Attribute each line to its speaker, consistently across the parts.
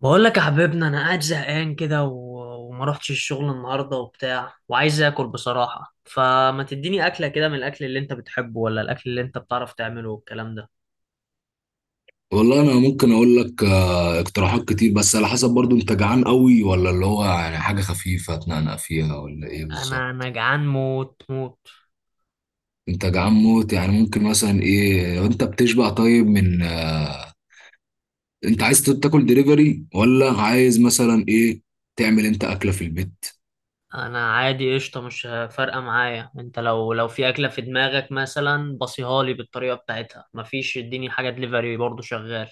Speaker 1: بقول لك يا حبيبنا، انا قاعد زهقان كده وما رحتش الشغل النهارده وبتاع، وعايز اكل بصراحه. فما تديني اكله كده من الاكل اللي انت بتحبه، ولا الاكل اللي انت بتعرف تعمله والكلام ده.
Speaker 2: والله انا ممكن اقول لك، اقتراحات كتير، بس على حسب برضو، انت جعان قوي ولا اللي هو يعني حاجه خفيفه تنقنق فيها، ولا ايه
Speaker 1: انا
Speaker 2: بالظبط؟
Speaker 1: انا جعان موت موت.
Speaker 2: انت جعان موت، يعني ممكن مثلا ايه لو انت بتشبع طيب، من انت عايز تاكل دليفري ولا عايز مثلا ايه تعمل انت اكله في البيت؟
Speaker 1: انا عادي قشطه، مش فارقه معايا. انت لو في اكله في دماغك مثلا بصيها لي بالطريقه بتاعتها، مفيش اديني حاجه دليفري برضه شغال.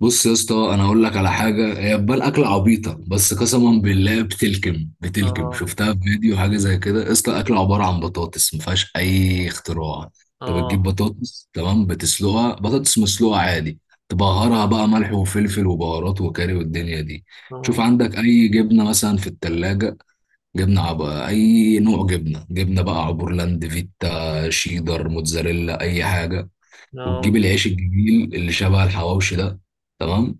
Speaker 2: بص يا اسطى، انا هقول لك على حاجه هي تبان اكله عبيطه، بس قسما بالله، بتلكم
Speaker 1: اه،
Speaker 2: شفتها في فيديو حاجه زي كده. يا اسطى، اكله عباره عن بطاطس، ما فيهاش اي اختراع. انت بتجيب
Speaker 1: اه،
Speaker 2: بطاطس، تمام، بتسلقها، بطاطس مسلوقه عادي. تبهرها بقى ملح وفلفل وبهارات وكاري والدنيا دي. شوف
Speaker 1: اه،
Speaker 2: عندك اي جبنه مثلا في التلاجة. اي نوع جبنه، جبنه بقى عبورلاند، فيتا، شيدر، موتزاريلا، اي حاجه. وتجيب
Speaker 1: اه،
Speaker 2: العيش الجميل اللي شبه الحواوشي ده، تمام،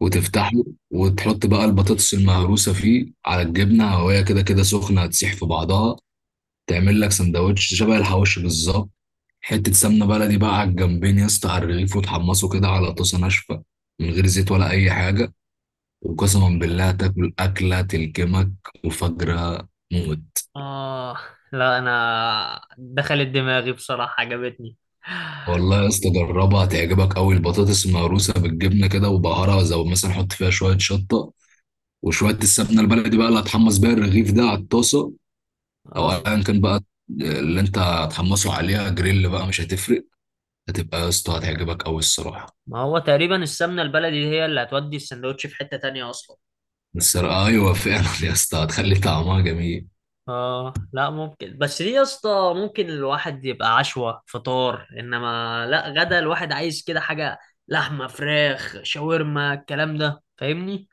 Speaker 2: وتفتحه، وتحط بقى البطاطس المهروسة فيه على الجبنة، وهي كده كده سخنة هتسيح في بعضها. تعمل لك سندوتش شبه الحواوشي بالظبط. حتة سمنة بلدي بقى على الجنبين يا اسطى على الرغيف، وتحمصه كده على طاسة ناشفة من غير زيت ولا أي حاجة.
Speaker 1: اه.
Speaker 2: وقسما بالله تاكل أكلة تلكمك وفجرة موت.
Speaker 1: آه، لا، أنا دخلت دماغي بصراحة، عجبتني.
Speaker 2: والله يا اسطى جربها، هتعجبك أوي البطاطس المهروسة بالجبنة كده، وبهارها زي مثلا حط فيها شوية شطة، وشوية السمنة البلدي بقى اللي هتحمص بيها الرغيف ده على الطاسة، او
Speaker 1: آه.
Speaker 2: ايا كان بقى اللي انت هتحمسه عليها جريل بقى، مش هتفرق. هتبقى يا اسطى هتعجبك قوي الصراحه.
Speaker 1: ما هو تقريبا السمنة البلدي هي اللي هتودي السندوتش في حتة تانية أصلا.
Speaker 2: السرقه، ايوه فعلا يا اسطى، هتخلي طعمها جميل.
Speaker 1: آه، لا، ممكن، بس دي يا اسطى ممكن الواحد يبقى عشوة فطار، إنما لا، غدا الواحد عايز كده حاجة. لحمة، فراخ، شاورما، الكلام ده، فاهمني؟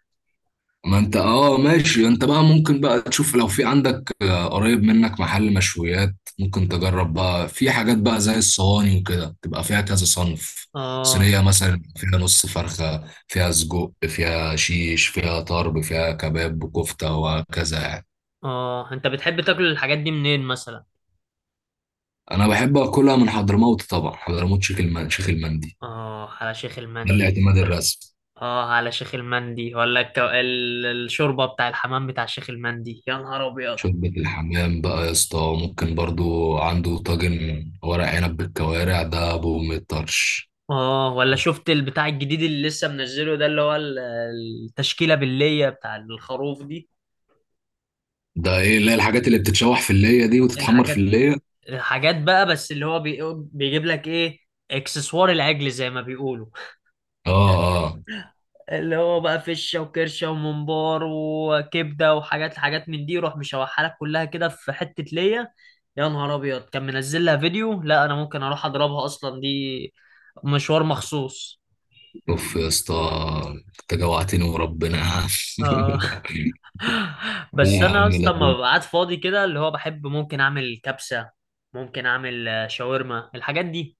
Speaker 2: ما انت اه، ماشي. انت بقى ممكن بقى تشوف لو في عندك قريب منك محل مشويات، ممكن تجرب بقى في حاجات بقى زي الصواني وكده، تبقى فيها كذا صنف.
Speaker 1: آه،
Speaker 2: صينية مثلا فيها نص فرخة، فيها سجق، فيها شيش، فيها طرب، فيها كباب وكفتة، وهكذا يعني.
Speaker 1: آه، أنت بتحب تاكل الحاجات دي منين مثلا؟
Speaker 2: انا بحب اكلها من حضرموت، طبعا حضرموت، شيخ المندي،
Speaker 1: آه، على شيخ
Speaker 2: ده
Speaker 1: المندي.
Speaker 2: الاعتماد الرسمي.
Speaker 1: اه، على شيخ المندي، ولا الشوربه بتاع الحمام بتاع شيخ المندي؟ يا نهار ابيض.
Speaker 2: شوربة الحمام بقى يا اسطى، ممكن برضو عنده طاجن ورق عنب بالكوارع، ده بأم الطرش.
Speaker 1: اه، ولا شفت البتاع الجديد اللي لسه منزله ده، اللي هو التشكيله بالليه بتاع الخروف دي؟
Speaker 2: ده ايه اللي هي الحاجات اللي بتتشوح في اللية دي وتتحمر في
Speaker 1: الحاجات
Speaker 2: اللية؟
Speaker 1: الحاجات بقى، بس اللي هو بيجيب لك ايه، اكسسوار العجل زي ما بيقولوا.
Speaker 2: اه. اه.
Speaker 1: اللي هو بقى فشة وكرشة وممبار وكبدة وحاجات حاجات من دي، يروح مشوحها لك كلها كده في حتة ليا. يا نهار أبيض، كان منزل لها فيديو. لا، أنا ممكن أروح أضربها أصلا، دي مشوار مخصوص.
Speaker 2: اوف يا اسطى، انت جوعتني وربنا.
Speaker 1: آه.
Speaker 2: لا
Speaker 1: بس
Speaker 2: يا
Speaker 1: أنا
Speaker 2: عم،
Speaker 1: أصلا ما
Speaker 2: لازم.
Speaker 1: ببقى قاعد فاضي كده، اللي هو بحب ممكن أعمل كبسة، ممكن أعمل شاورما، الحاجات دي.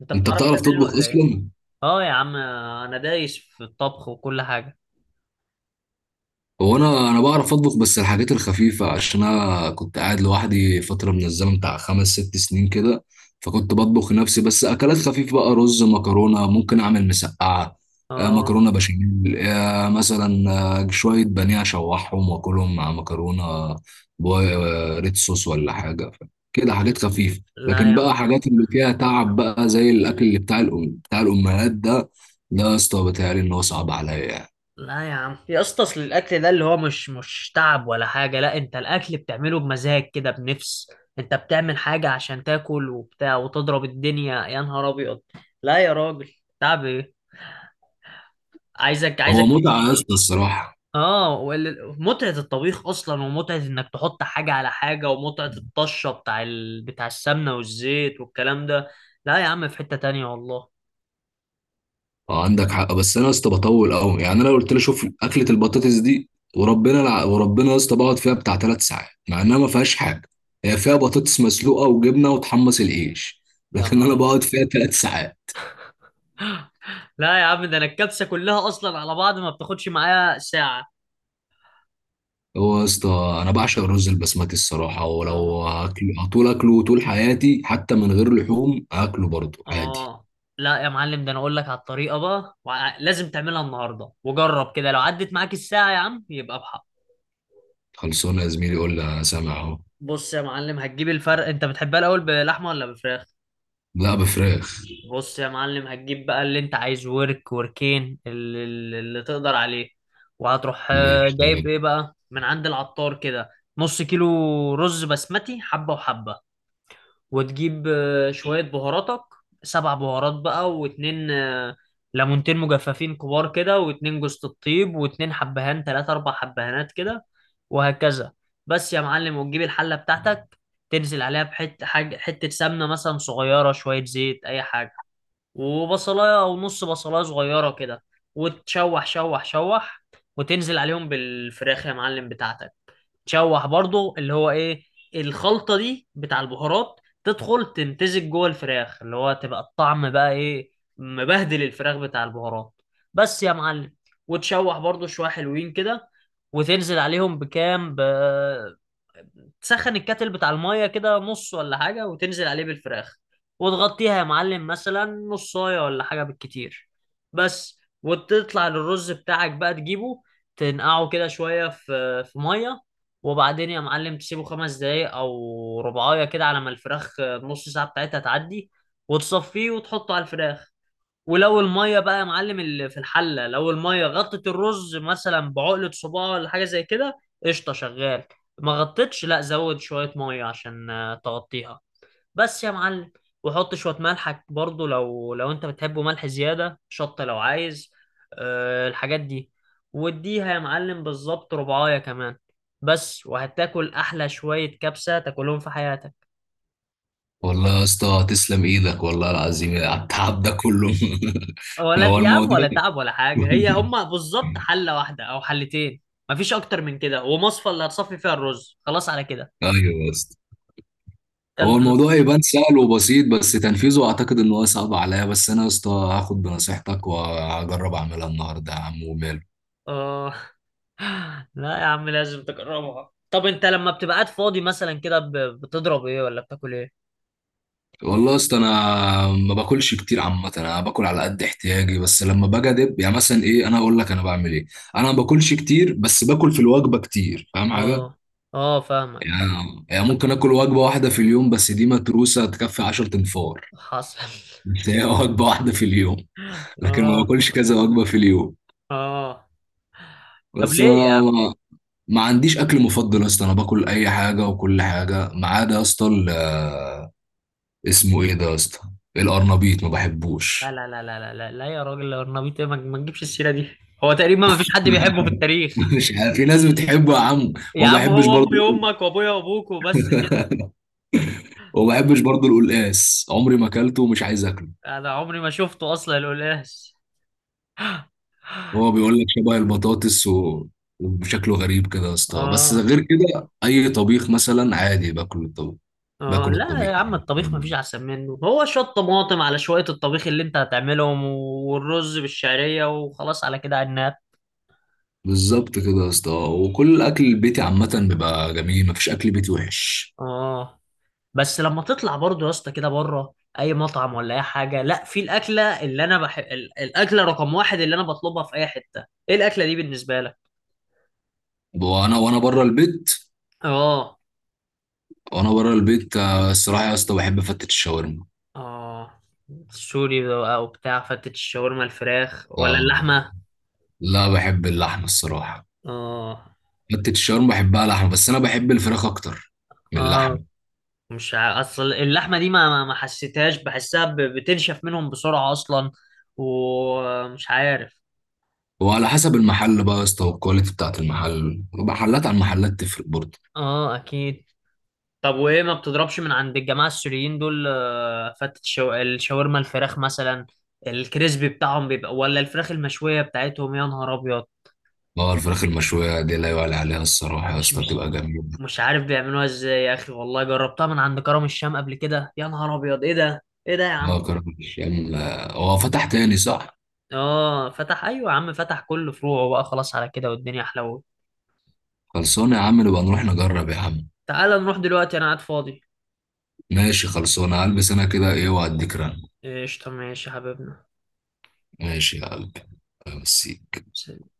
Speaker 1: أنت
Speaker 2: انت
Speaker 1: بتعرف
Speaker 2: بتعرف
Speaker 1: تعملها
Speaker 2: تطبخ
Speaker 1: ولا إيه؟
Speaker 2: اصلا؟
Speaker 1: آه يا عم، أنا دايس في الطبخ وكل حاجة.
Speaker 2: هو انا بعرف اطبخ بس الحاجات الخفيفه، عشان انا كنت قاعد لوحدي فتره من الزمن بتاع خمس ست سنين كده. فكنت بطبخ لنفسي بس اكلات خفيفه بقى، رز، مكرونه، ممكن اعمل مسقعه،
Speaker 1: آه.
Speaker 2: مكرونه بشاميل، مثلا، شويه بانيه اشوحهم واكلهم مع مكرونه، ريد صوص ولا حاجه، كده حاجات خفيفه.
Speaker 1: لا
Speaker 2: لكن
Speaker 1: يا
Speaker 2: بقى حاجات اللي فيها تعب بقى زي الاكل اللي بتاع الأم بتاع الامهات ده، ده يا اسطى بيتهيألي ان هو صعب عليا يعني.
Speaker 1: لا يا عم يا اسطى، اصل الاكل ده اللي هو مش تعب ولا حاجه. لا، انت الاكل بتعمله بمزاج كده، بنفس. انت بتعمل حاجه عشان تاكل وبتاع وتضرب الدنيا، يا نهار ابيض. لا يا راجل، تعب ايه؟ عايزك
Speaker 2: هو
Speaker 1: عايزك.
Speaker 2: متعه يا اسطى الصراحه.
Speaker 1: اه، متعه الطبيخ اصلا، ومتعه انك تحط حاجه على حاجه، ومتعه الطشه بتاع بتاع السمنه والزيت والكلام ده. لا يا عم، في حته تانية والله.
Speaker 2: اه، عندك حق، بس انا يا اسطى بطول قوي يعني. انا لو قلت لي شوف اكله البطاطس دي، وربنا يا اسطى بقعد فيها بتاع ثلاث ساعات مع انها ما فيهاش حاجه. هي فيها بطاطس مسلوقه وجبنه وتحمص العيش
Speaker 1: يا
Speaker 2: لكن
Speaker 1: نهار
Speaker 2: انا
Speaker 1: ابيض،
Speaker 2: بقعد فيها ثلاث ساعات.
Speaker 1: لا يا عم، ده انا الكبسه كلها اصلا على بعض ما بتاخدش معايا ساعه.
Speaker 2: هو يا اسطى انا بعشق الرز البسمتي الصراحه، ولو
Speaker 1: اه،
Speaker 2: هاكل هطول اكله طول حياتي حتى من غير لحوم هاكله برضه عادي.
Speaker 1: اه. لا يا معلم، ده انا اقول لك على الطريقه بقى، لازم تعملها النهارده، وجرب كده، لو عدت معاك الساعه يا عم يبقى بحق.
Speaker 2: خلصونا يا زميلي، قول لي، انا سامع اهو.
Speaker 1: بص يا معلم، هتجيب الفرق، انت بتحبها الاول بلحمه ولا بفراخ؟
Speaker 2: لا، بفراخ.
Speaker 1: بص يا معلم، هتجيب بقى اللي انت عايز، ورك، وركين، اللي تقدر عليه. وهتروح جايب
Speaker 2: ماشي.
Speaker 1: ايه بقى من عند العطار كده. نص كيلو رز بسمتي، حبه وحبه. وتجيب شوية بهاراتك، سبع بهارات بقى، واتنين ليمونتين مجففين كبار كده، واتنين جوز الطيب، واتنين حبهان، تلاتة أربع حبهانات كده، وهكذا. بس يا معلم، وتجيب الحلة بتاعتك، تنزل عليها بحتة حاجة، حتة سمنة مثلا صغيرة، شوية زيت، أي حاجة. وبصلاية أو نص بصلاية صغيرة كده، وتشوح شوح شوح. وتنزل عليهم بالفراخ يا معلم بتاعتك، تشوح برضو، اللي هو ايه، الخلطة دي بتاع البهارات تدخل تمتزج جوه الفراخ، اللي هو تبقى الطعم بقى ايه، مبهدل الفراخ بتاع البهارات. بس يا معلم، وتشوح برضو شوية حلوين كده، وتنزل عليهم بكام تسخن الكاتل بتاع الميه كده نص ولا حاجه، وتنزل عليه بالفراخ، وتغطيها يا معلم مثلا نصايه ولا حاجه بالكتير. بس، وتطلع للرز بتاعك بقى، تجيبه تنقعه كده شويه في ميه، وبعدين يا معلم تسيبه 5 دقايق او ربعايه كده، على ما الفراخ نص ساعه بتاعتها تعدي، وتصفيه وتحطه على الفراخ. ولو الميه بقى يا معلم اللي في الحله، لو الميه غطت الرز مثلا بعقله صباع ولا حاجه زي كده، قشطه شغال. ما غطتش، لا زود شويه ميه عشان تغطيها. بس يا معلم، وحط شويه ملحك برضو، لو انت بتحبه ملح زياده، شطه لو عايز، أه الحاجات دي. واديها يا معلم بالظبط ربعايه كمان، بس، وهتاكل احلى شويه كبسه تاكلهم في حياتك.
Speaker 2: والله يا اسطى تسلم ايدك، والله العظيم، على التعب ده كله.
Speaker 1: ولا
Speaker 2: هو
Speaker 1: يا عم،
Speaker 2: الموضوع.
Speaker 1: ولا تعب ولا حاجة، هي هما بالظبط حلة واحدة أو حلتين، مفيش أكتر من كده، ومصفى اللي هتصفي فيها الرز، خلاص على كده.
Speaker 2: ايوه يا اسطى. هو
Speaker 1: يلا.
Speaker 2: الموضوع يبان سهل وبسيط، بس تنفيذه اعتقد ان هو صعب عليا. بس انا يا اسطى هاخد بنصيحتك وهجرب اعملها النهارده يا عم، وماله.
Speaker 1: آه. لا يا عم، لازم تجربها. طب أنت لما بتبقى قاعد فاضي مثلا كده، بتضرب إيه ولا بتاكل إيه؟
Speaker 2: والله يا اسطى انا ما باكلش كتير عامه، انا باكل على قد احتياجي، بس لما باجي ادب يعني مثلا ايه، انا اقول لك انا بعمل ايه. انا ما باكلش كتير بس باكل في الوجبه كتير، فاهم حاجه؟
Speaker 1: آه، آه، فاهمك فاهمك.
Speaker 2: يعني يعني ممكن اكل وجبه واحده في اليوم بس دي متروسه تكفي 10 انفار.
Speaker 1: حصل.
Speaker 2: بس هي وجبه واحده في اليوم، لكن ما
Speaker 1: آه،
Speaker 2: باكلش كذا وجبه في اليوم.
Speaker 1: آه. طب
Speaker 2: بس
Speaker 1: ليه يا
Speaker 2: ما,
Speaker 1: عم؟
Speaker 2: ما ما عنديش اكل مفضل يا اسطى، انا باكل اي حاجه وكل حاجه، ما عدا يا اسطى اسمه ايه ده يا اسطى، القرنبيط، ما
Speaker 1: لا،
Speaker 2: بحبوش.
Speaker 1: لا، لا، لا، لا، لا، لا، يا راجل، الأرنبيط إيه؟ ما تجيبش السيرة دي، هو تقريبا مفيش حد بيحبه في التاريخ.
Speaker 2: مش عارف، في ناس بتحبه يا عم،
Speaker 1: يا
Speaker 2: وما
Speaker 1: عم
Speaker 2: بحبش
Speaker 1: هو أمي
Speaker 2: برضه.
Speaker 1: وأمك وأبويا وأبوك وبس كده.
Speaker 2: وما بحبش برضه القلقاس، عمري ما اكلته ومش عايز اكله.
Speaker 1: انا عمري ما شفته اصلا القلقاس.
Speaker 2: هو بيقول لك شبه البطاطس و... وشكله غريب كده يا اسطى، بس
Speaker 1: اه،
Speaker 2: غير كده اي طبيخ مثلا عادي باكل الطبيخ.
Speaker 1: اه،
Speaker 2: باكل
Speaker 1: لا
Speaker 2: الطبيخ
Speaker 1: يا عم،
Speaker 2: عادي.
Speaker 1: الطبيخ مفيش احسن منه، هو شويه طماطم على شويه الطبيخ اللي انت هتعملهم، والرز بالشعريه، وخلاص على كده، عناب.
Speaker 2: بالظبط كده يا اسطى، وكل الاكل البيتي عامه بيبقى جميل، مفيش اكل بيتي وحش.
Speaker 1: اه. بس لما تطلع برضه يا اسطى كده بره، اي مطعم ولا اي حاجه، لا في الاكله اللي انا بحب، الاكله رقم واحد اللي انا بطلبها في اي حته، ايه الاكله دي بالنسبه لك؟
Speaker 2: وانا وانا بره البيت
Speaker 1: اه.
Speaker 2: وانا بره البيت، الصراحه يا اسطى بحب فتة الشاورما.
Speaker 1: اه، سوري بقى وبتاع، فتت الشاورما الفراخ ولا
Speaker 2: آه.
Speaker 1: اللحمه؟
Speaker 2: لا، بحب اللحمه الصراحه.
Speaker 1: اه.
Speaker 2: فتة الشاورما بحبها لحمه، بس انا بحب الفراخ اكتر من
Speaker 1: اه،
Speaker 2: اللحمه.
Speaker 1: مش ع- اصل اللحمه دي ما حسيتهاش، بحسها بتنشف منهم بسرعه اصلا، ومش عارف.
Speaker 2: وعلى حسب المحل بقى يا اسطى، والكواليتي بتاعت المحل، محلات عن محلات تفرق برضه.
Speaker 1: اه اكيد. طب وايه، ما بتضربش من عند الجماعه السوريين دول فتة الشاورما الفراخ مثلا؟ الكريسبي بتاعهم بيبقى، ولا الفراخ المشويه بتاعتهم؟ يا نهار ابيض.
Speaker 2: اه الفراخ المشوية دي لا يعلى عليها الصراحة يا
Speaker 1: مش
Speaker 2: اسطى،
Speaker 1: مش
Speaker 2: تبقى جميلة.
Speaker 1: مش عارف بيعملوها ازاي يا اخي، والله جربتها من عند كرم الشام قبل كده، يا نهار ابيض، ايه ده ايه ده يا عم.
Speaker 2: اه كرم الشام. لا، هو فتح تاني، صح؟
Speaker 1: اه، فتح، ايوه يا عم، فتح كل فروعه بقى، خلاص على كده والدنيا احلى.
Speaker 2: خلصانة يا عم، نبقى نروح نجرب يا عم.
Speaker 1: تعالى نروح دلوقتي، انا قاعد فاضي.
Speaker 2: ماشي، خلصانة، هلبس انا كده ايه وهديك رن.
Speaker 1: قشطة، ماشي يا حبيبنا.
Speaker 2: ماشي يا قلبي. أمسيك.
Speaker 1: سلام.